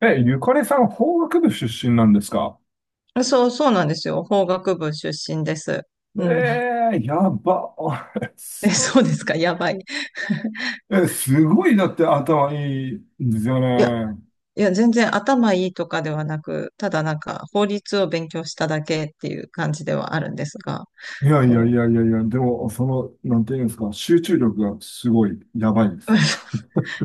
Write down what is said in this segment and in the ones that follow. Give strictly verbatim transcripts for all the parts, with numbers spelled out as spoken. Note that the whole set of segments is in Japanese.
え、ゆかりさん、法学部出身なんですか？そう、そうなんですよ。法学部出身です。えうん。えー、やば。え、すそうですか。やばい。え、すごい、だって頭いいんですよいや、ね。いや、全然頭いいとかではなく、ただなんか法律を勉強しただけっていう感じではあるんですが、いやいやいそう。やいやいや、でも、その、なんていうんですか、集中力がすごい、やばいですよ。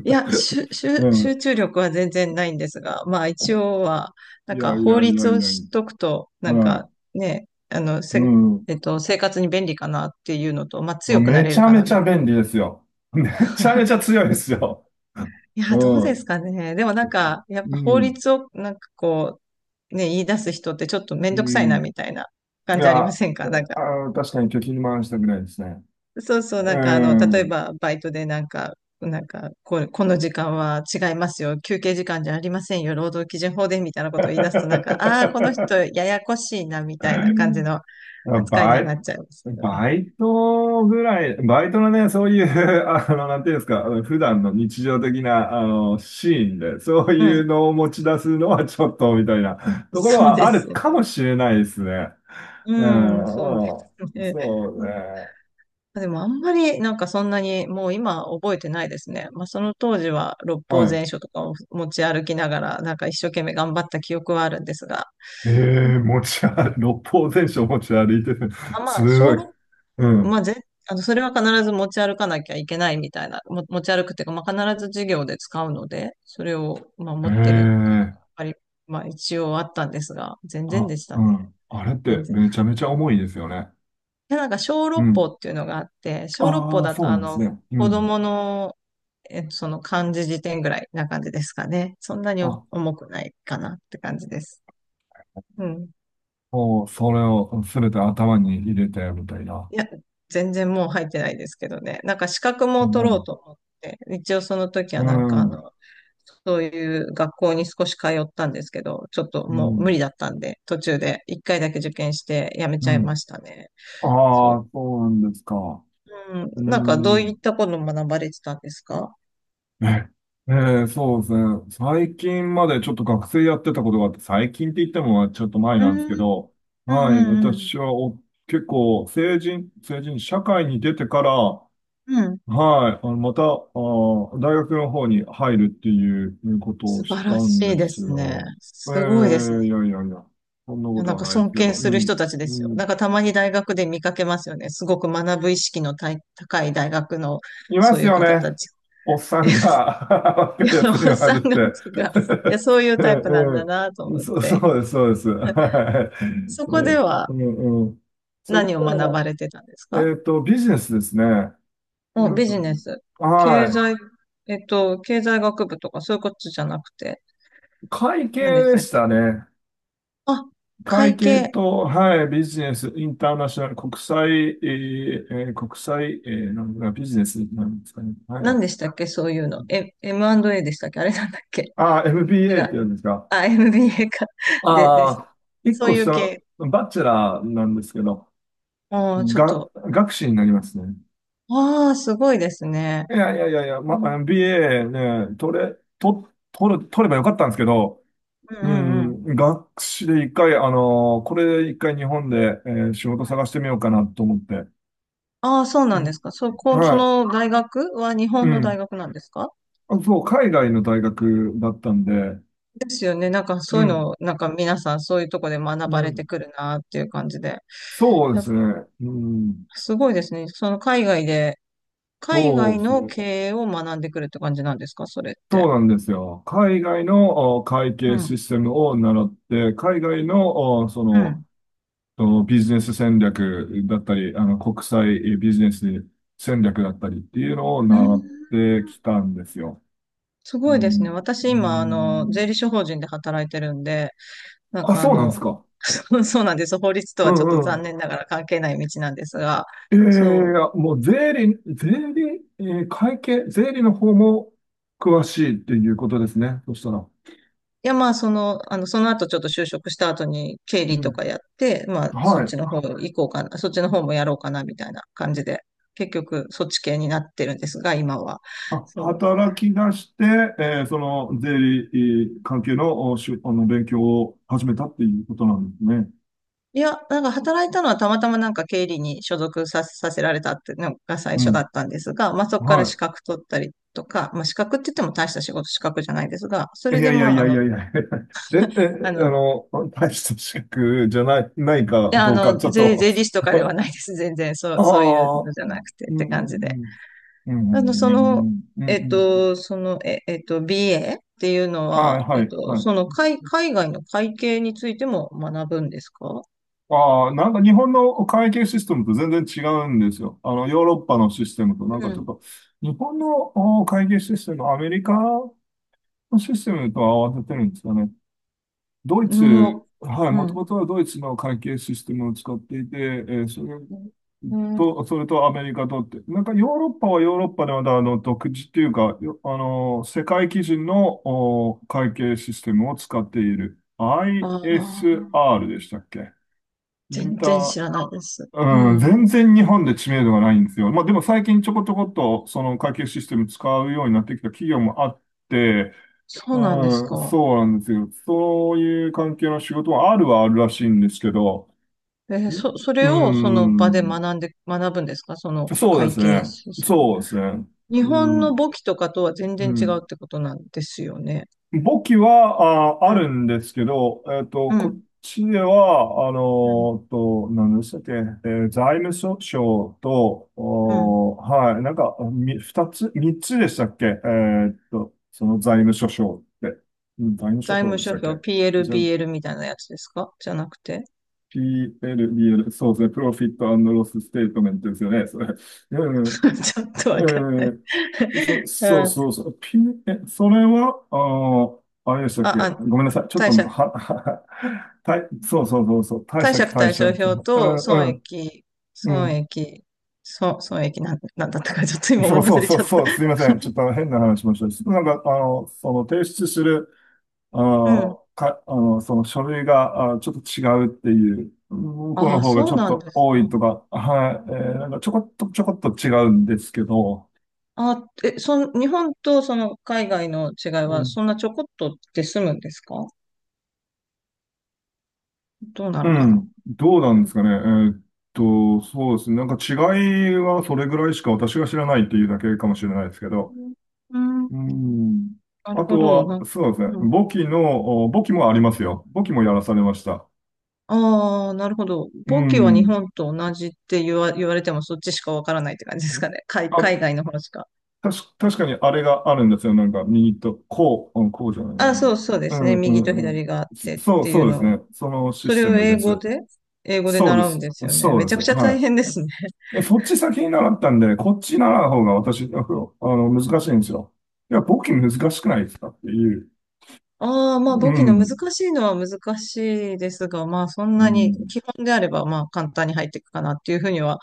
いや、集ゅし ゅう集ん。中力は全然ないんですが、まあ一応は、ないんやかい法やいや律いをやい知っとや。くと、なんはかね、あの、い。うせ、ん。えっと、生活に便利かなっていうのと、まあ強くなめれちるゃかめな、ちみゃた便利ですよ。めいちゃめちな。ゃ強いですよ。いや、どううですん。かね。でもなんか、やっうぱ法ん。律をなんかこう、ね、言い出す人ってちょっとめんうどくさいん。なみたいない感じありや、まあ、せんかなんか、確かに貯金回したくないですね。そうそう、なうんかあの、例えん。ばバイトでなんか、なんかこれ、この時間は違いますよ。休憩時間じゃありませんよ。労働基準法でみたいなこ とを言い出すとなんか、ああ、この人あややこしいなみたいな感じの扱いにバはなイ、っちゃいますけどね。バイトぐらい、バイトのね、そういう、あの、なんていうんですか、あの普段の日常的な、あの、シーンで、そうういうん。のを持ち出すのはちょっと、みたいなところそうはであするよかもね。しれないですね。うん、うん、そうですうん、ね。そうね。でもあんまりなんかそんなにもう今覚えてないですね。まあその当時は六は法い。全書とかを持ち歩きながらなんか一生懸命頑張った記憶はあるんですが、えうんえ、持ち歩、六法全書持ち歩いてる？あ、ますあご小い。六う法、まん。あぜ、あのそれは必ず持ち歩かなきゃいけないみたいな、も持ち歩くっていうか、まあ必ず授業で使うので、それをまあえ持ってるっていうのえ、がやっぱり、まあ一応あったんですが、全然あ、でしたうね。ん。あれっ全て然。めちゃめちゃ重いですよね。で、なんか小う六法ん。っていうのがあって、小六法ああ、だそとうあなんですの、ね。う子ん。供の、えっと、その漢字辞典ぐらいな感じですかね。そんなにあ、重くないかなって感じです。うん。もう、それをすべて頭に入れて、みたいな。いや、全然もう入ってないですけどね。なんか資格うも取ろうん。と思って、一応その時はうなんかあん。の、そういう学校に少し通ったんですけど、ちょっとうもう無ん。理だったんで、途中で一回だけ受験してやめうちゃいん。ましたね。あそあ、う。そうなんですか？うん。うなんかどういっん。たことを学ばれてたんですか？え、えーそうですね。最近までちょっと学生やってたことがあって、最近って言ってもちょっと前うなんですけん。ど、うはい、んうんうん。私はお、結構、成人、成人、社会に出てから、うん。はい。あの、また、あー、大学の方に入るっていうことを素し晴たらんしいでですすね。よ。えすごいですね。えいやいやいや。そんないこやとなんはかないで尊すけ敬ど。すうる人ん。たちでうすよ。なん。んかたまに大学で見かけますよね。すごく学ぶ意識のたい高い大学のいまそうすいうよ方ね。たち。おっさんが 若いや山つに本はさるんっが、て。がいや、そうい うタイプなんだえなとえええ思っそ、て。そうです、そうです。はそい。えこでえはうんうん。そこ何を学ばれてたんですでは、か？えっと、ビジネスですね。もううビジネん。ス。経は済、えっと、経済学部とかそういうことじゃなくて、い。会計何でしでたっしけ？たね。あ、会会計計。と、はい、ビジネス、インターナショナル、国際、えーえー国際、えーなんだ、ビジネスなんですかね。は何でい。したっけそういうの。え、エムアンドエー でしたっけ、あれなんだっけ？ ああ、違 エムビーエー って言うんう。ですか？あ、エムビーエー か。で、であす。あ、一そう個いう下の、系。バチェラーなんですけど、ああ、ちょっが、と。学士になりますね。ああ、すごいですね。いやいやいやいや、うま、ん エムビーエー ね、取れ、と、取る、取ればよかったんですけど、うんううん。うん。ん、学士で一回、あのーこれ一回日本で、えー仕事探してみようかなと思って。ああ、そうなうんでん、すか。そこ、そはのい。大学は日う本の大ん。学なんですか？あそう、海外の大学だったんで、ですよね。なんかうそういうのん、を、なんか皆さんそういうとこで学うばれん。てくるなっていう感じで。そうやでっぱすね。うん、すごいですね。その海外で、海そう外ですのね。経営を学んでくるって感じなんですかそれっそうて？なんですよ。海外のお会う計シん。ステムを習って、海外の、おそうの、ん。おビジネス戦略だったり、あの、国際ビジネス戦略だったりっていうのをう習ん、ってきたんですよ。すうごいですね。ん、私う今、あの、税ん、理士法人で働いてるんで、なんあ、かあそうなんでの、すか？そうそうなんです。法律とうはちょっとんう残ん。念ながら関係ない道なんですが、ええそう。もう税理、税理、えー会計、税理の方も詳しいっていうことですね。そしたら。いや、まあ、その、あの、その後ちょっと就職した後に経う理とん。かやって、まあ、そっはちい。の方行こうかな、そっちの方もやろうかな、みたいな感じで、結局、そっち系になってるんですが、今は。あ、そう。働き出して、えーその税理えー関係の、おしゅ、あの、勉強を始めたっていうことなんですね。いや、なんか働いたのはたまたまなんか経理に所属さ、させられたっていうのが最う初だん。ったんですが、まあそこから資は格取ったりとか、まあ資格って言っても大した仕事資格じゃないですが、そい。いれやでいやまいああやいの、やいや え、あえ、の、あいの、大した資格じゃない、ないかや、あどうか、の、ちょっ税、と 税理士とかではないです。全然、そう、あそういうのあ、じゃうなんくてうって感じで。んうん。うんうあの、んそうの、んうんうえんっうんと、その、え、えっと、ビーエー っていうのはい、は、えはっい、と、はい。その海、海外の会計についても学ぶんですか？ああ、なんか日本の会計システムと全然違うんですよ。あの、ヨーロッパのシステムと、うなんかちん。ょっと、日本のお会計システム、アメリカのシステムと合わせてるんですよね。ドイうん、ツ、もはい、う、もうとん。もとはドイツの会計システムを使っていて、えーそれうん。あと、それとアメリカとって、なんかヨーロッパはヨーロッパでまだあの、独自っていうか、よあの、世界基準のお会計システムを使っている。あ。アイエスアール でしたっけ？イン全タ然ー知らないです。ううん、ん。全然日本で知名度がないんですよ。まあでも最近ちょこちょこっとその会計システム使うようになってきた企業もあって、そうなんですうん、か。そうなんですよ。そういう関係の仕事はあるはあるらしいんですけど、えーんそ、そうれをその場でん、学んで、学ぶんですかそのそうで会す計ね。システム？そうですね。日本うのん、簿記とかとは全う然違うん。ってことなんですよね。簿記は、あ、うあるん。んですけど、えっと、うこっん。ちでは、あうん。の、と、何でしたっけ、えー財務諸省と、うんおーはい、なんか、み、二つ、三つでしたっけ？えっと、その財務諸省って、うん財務諸財省務でし諸たっけ？表 ピーエル、じゃ、ビーエル みたいなやつですか、じゃなくて。ピーエル、ビーエル、そうですね、プロフィットロスステートメントですよね、それ。うんちょっとわかんない。ええそ、そううん。そうそう。ピン、え、それは、あー、あれでしたっあ、け？あ、ごめんなさい。ちょっと、貸借、は、は、たい、そうそうそうそう。貸貸借借対対借。照表うん、とう損ん、益、う損ん。益、損、損益なん、なんだったか、ちょっと今そもううそ忘うれそう、ちゃった。そう、すいません。ちょっと変な話しました。なんか、あの、その提出する、あうん。の、か、あの、その書類が、あ、ちょっと違うっていう、向こうあのあ、方がそちうょっなんとです多いか。とか、はい、えーなんかちょこっと、ちょこっと違うんですけど、あえ、そん、日本とその海外の違いは、そんなちょこっとで済むんですか？どうなうのかな？ん、どうなんでうすかね。えーっと、そうですね。なんか違いはそれぐらいしか私が知らないっていうだけかもしれないですけど。ん、うん、うん。なるあほとど。は、な、そうですね。うん、簿記の、お簿記もありますよ。簿記もやらされました。ああー、なるほど。う簿記は日ん。本と同じって言わ、言われても、そっちしかわからないって感じですかね。海、海あ、外の方しか。たし、確かにあれがあるんですよ。なんか右と、こう、うん、こうじゃないな。あ、うそうそうですんね。う右とんうん。左があっそてっそう、ていそううですのね。を。そのシそスれテをム英です。語で、英語でそうで習うんす。ですよね。そうめでちゃす。くちゃは大い。変ですね。そっち先に習ったんでね、こっち習う方が私、あの、難しいんですよ。いや、簿記難しくないですかっていう。ああ、まあう簿記の難ん。しいのは難しいですが、まあそんうなにん。基本であればまあ簡単に入っていくかなっていうふうには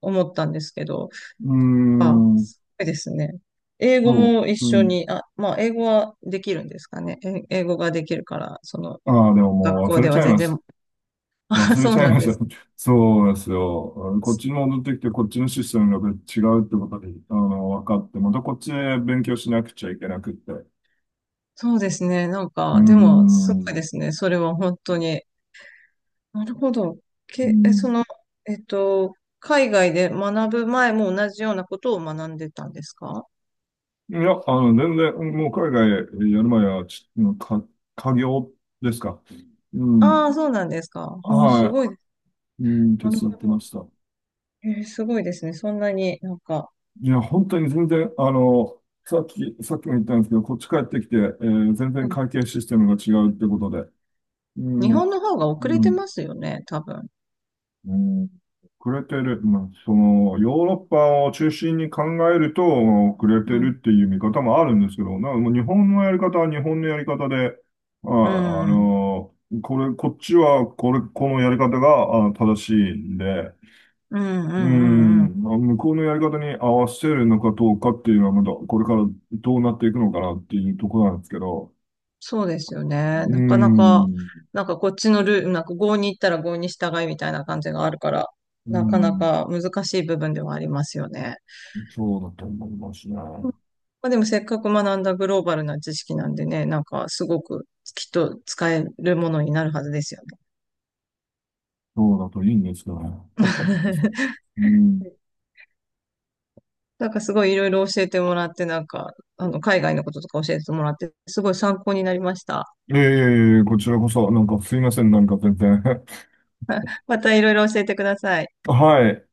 思ったんですけど、うーああ、ん。すごいですね。英語そも一う。う緒ん。に、あ、まあ英語はできるんですかね。え英語ができるから、そのああ、でも学もう校忘れでちはゃい全まし然、た。あ忘れそうちゃいなんましでた。す。そうですよ。こっちに戻ってきて、こっちのシステムが違うってことで、あの、分かって、またこっちで勉強しなくちゃいけなくって。うそうですね。なんーか、でもすごいん。ですね。それは本当に。なるほど。うけ、え、そんの、えっと、海外で学ぶ前も同じようなことを学んでたんですか？いや、あの、全然、もう海外やる前は、ち、か、家業ですか？うああ、ん。そうなんですか。うん、すはごい。い。うん、手なるほ伝ってまど。した。えーすごいですね。そんなになんか、いや、本当に全然、あの、さっき、さっきも言ったんですけど、こっち帰ってきて、えー全う然ん会計システムが違うってことで、うん、日も本の方がう、遅れうてん、ますよね、多分。うんくれてる、まあ、その、ヨーロッパを中心に考えると、くれてうん。るっていう見方もあるんですけど、なんかもう日本のやり方は日本のやり方で、あ、うあん。の、これ、こっちは、これ、このやり方が、あ、正しいんで、うん、ううん、うん、うん。ん、まあ向こうのやり方に合わせるのかどうかっていうのは、まだこれからどうなっていくのかなっていうところなんですけど、そうですよね。うなかなか、ん、なんかこっちのルール、なんか郷に行ったら郷に従いみたいな感じがあるから、うなかなん、か難しい部分ではありますよね。そうだと思いますね。うん、まあ、でもせっかく学んだグローバルな知識なんでね、なんかすごくきっと使えるものになるはずですよね。そうだといいんですけどね。うんなんかすごいいろいろ教えてもらって、なんか、あの、海外のこととか教えてもらって、すごい参考になりました。いえいえいえ、こちらこそ、なんかすいません、なんか全然。またいろいろ教えてください。はい。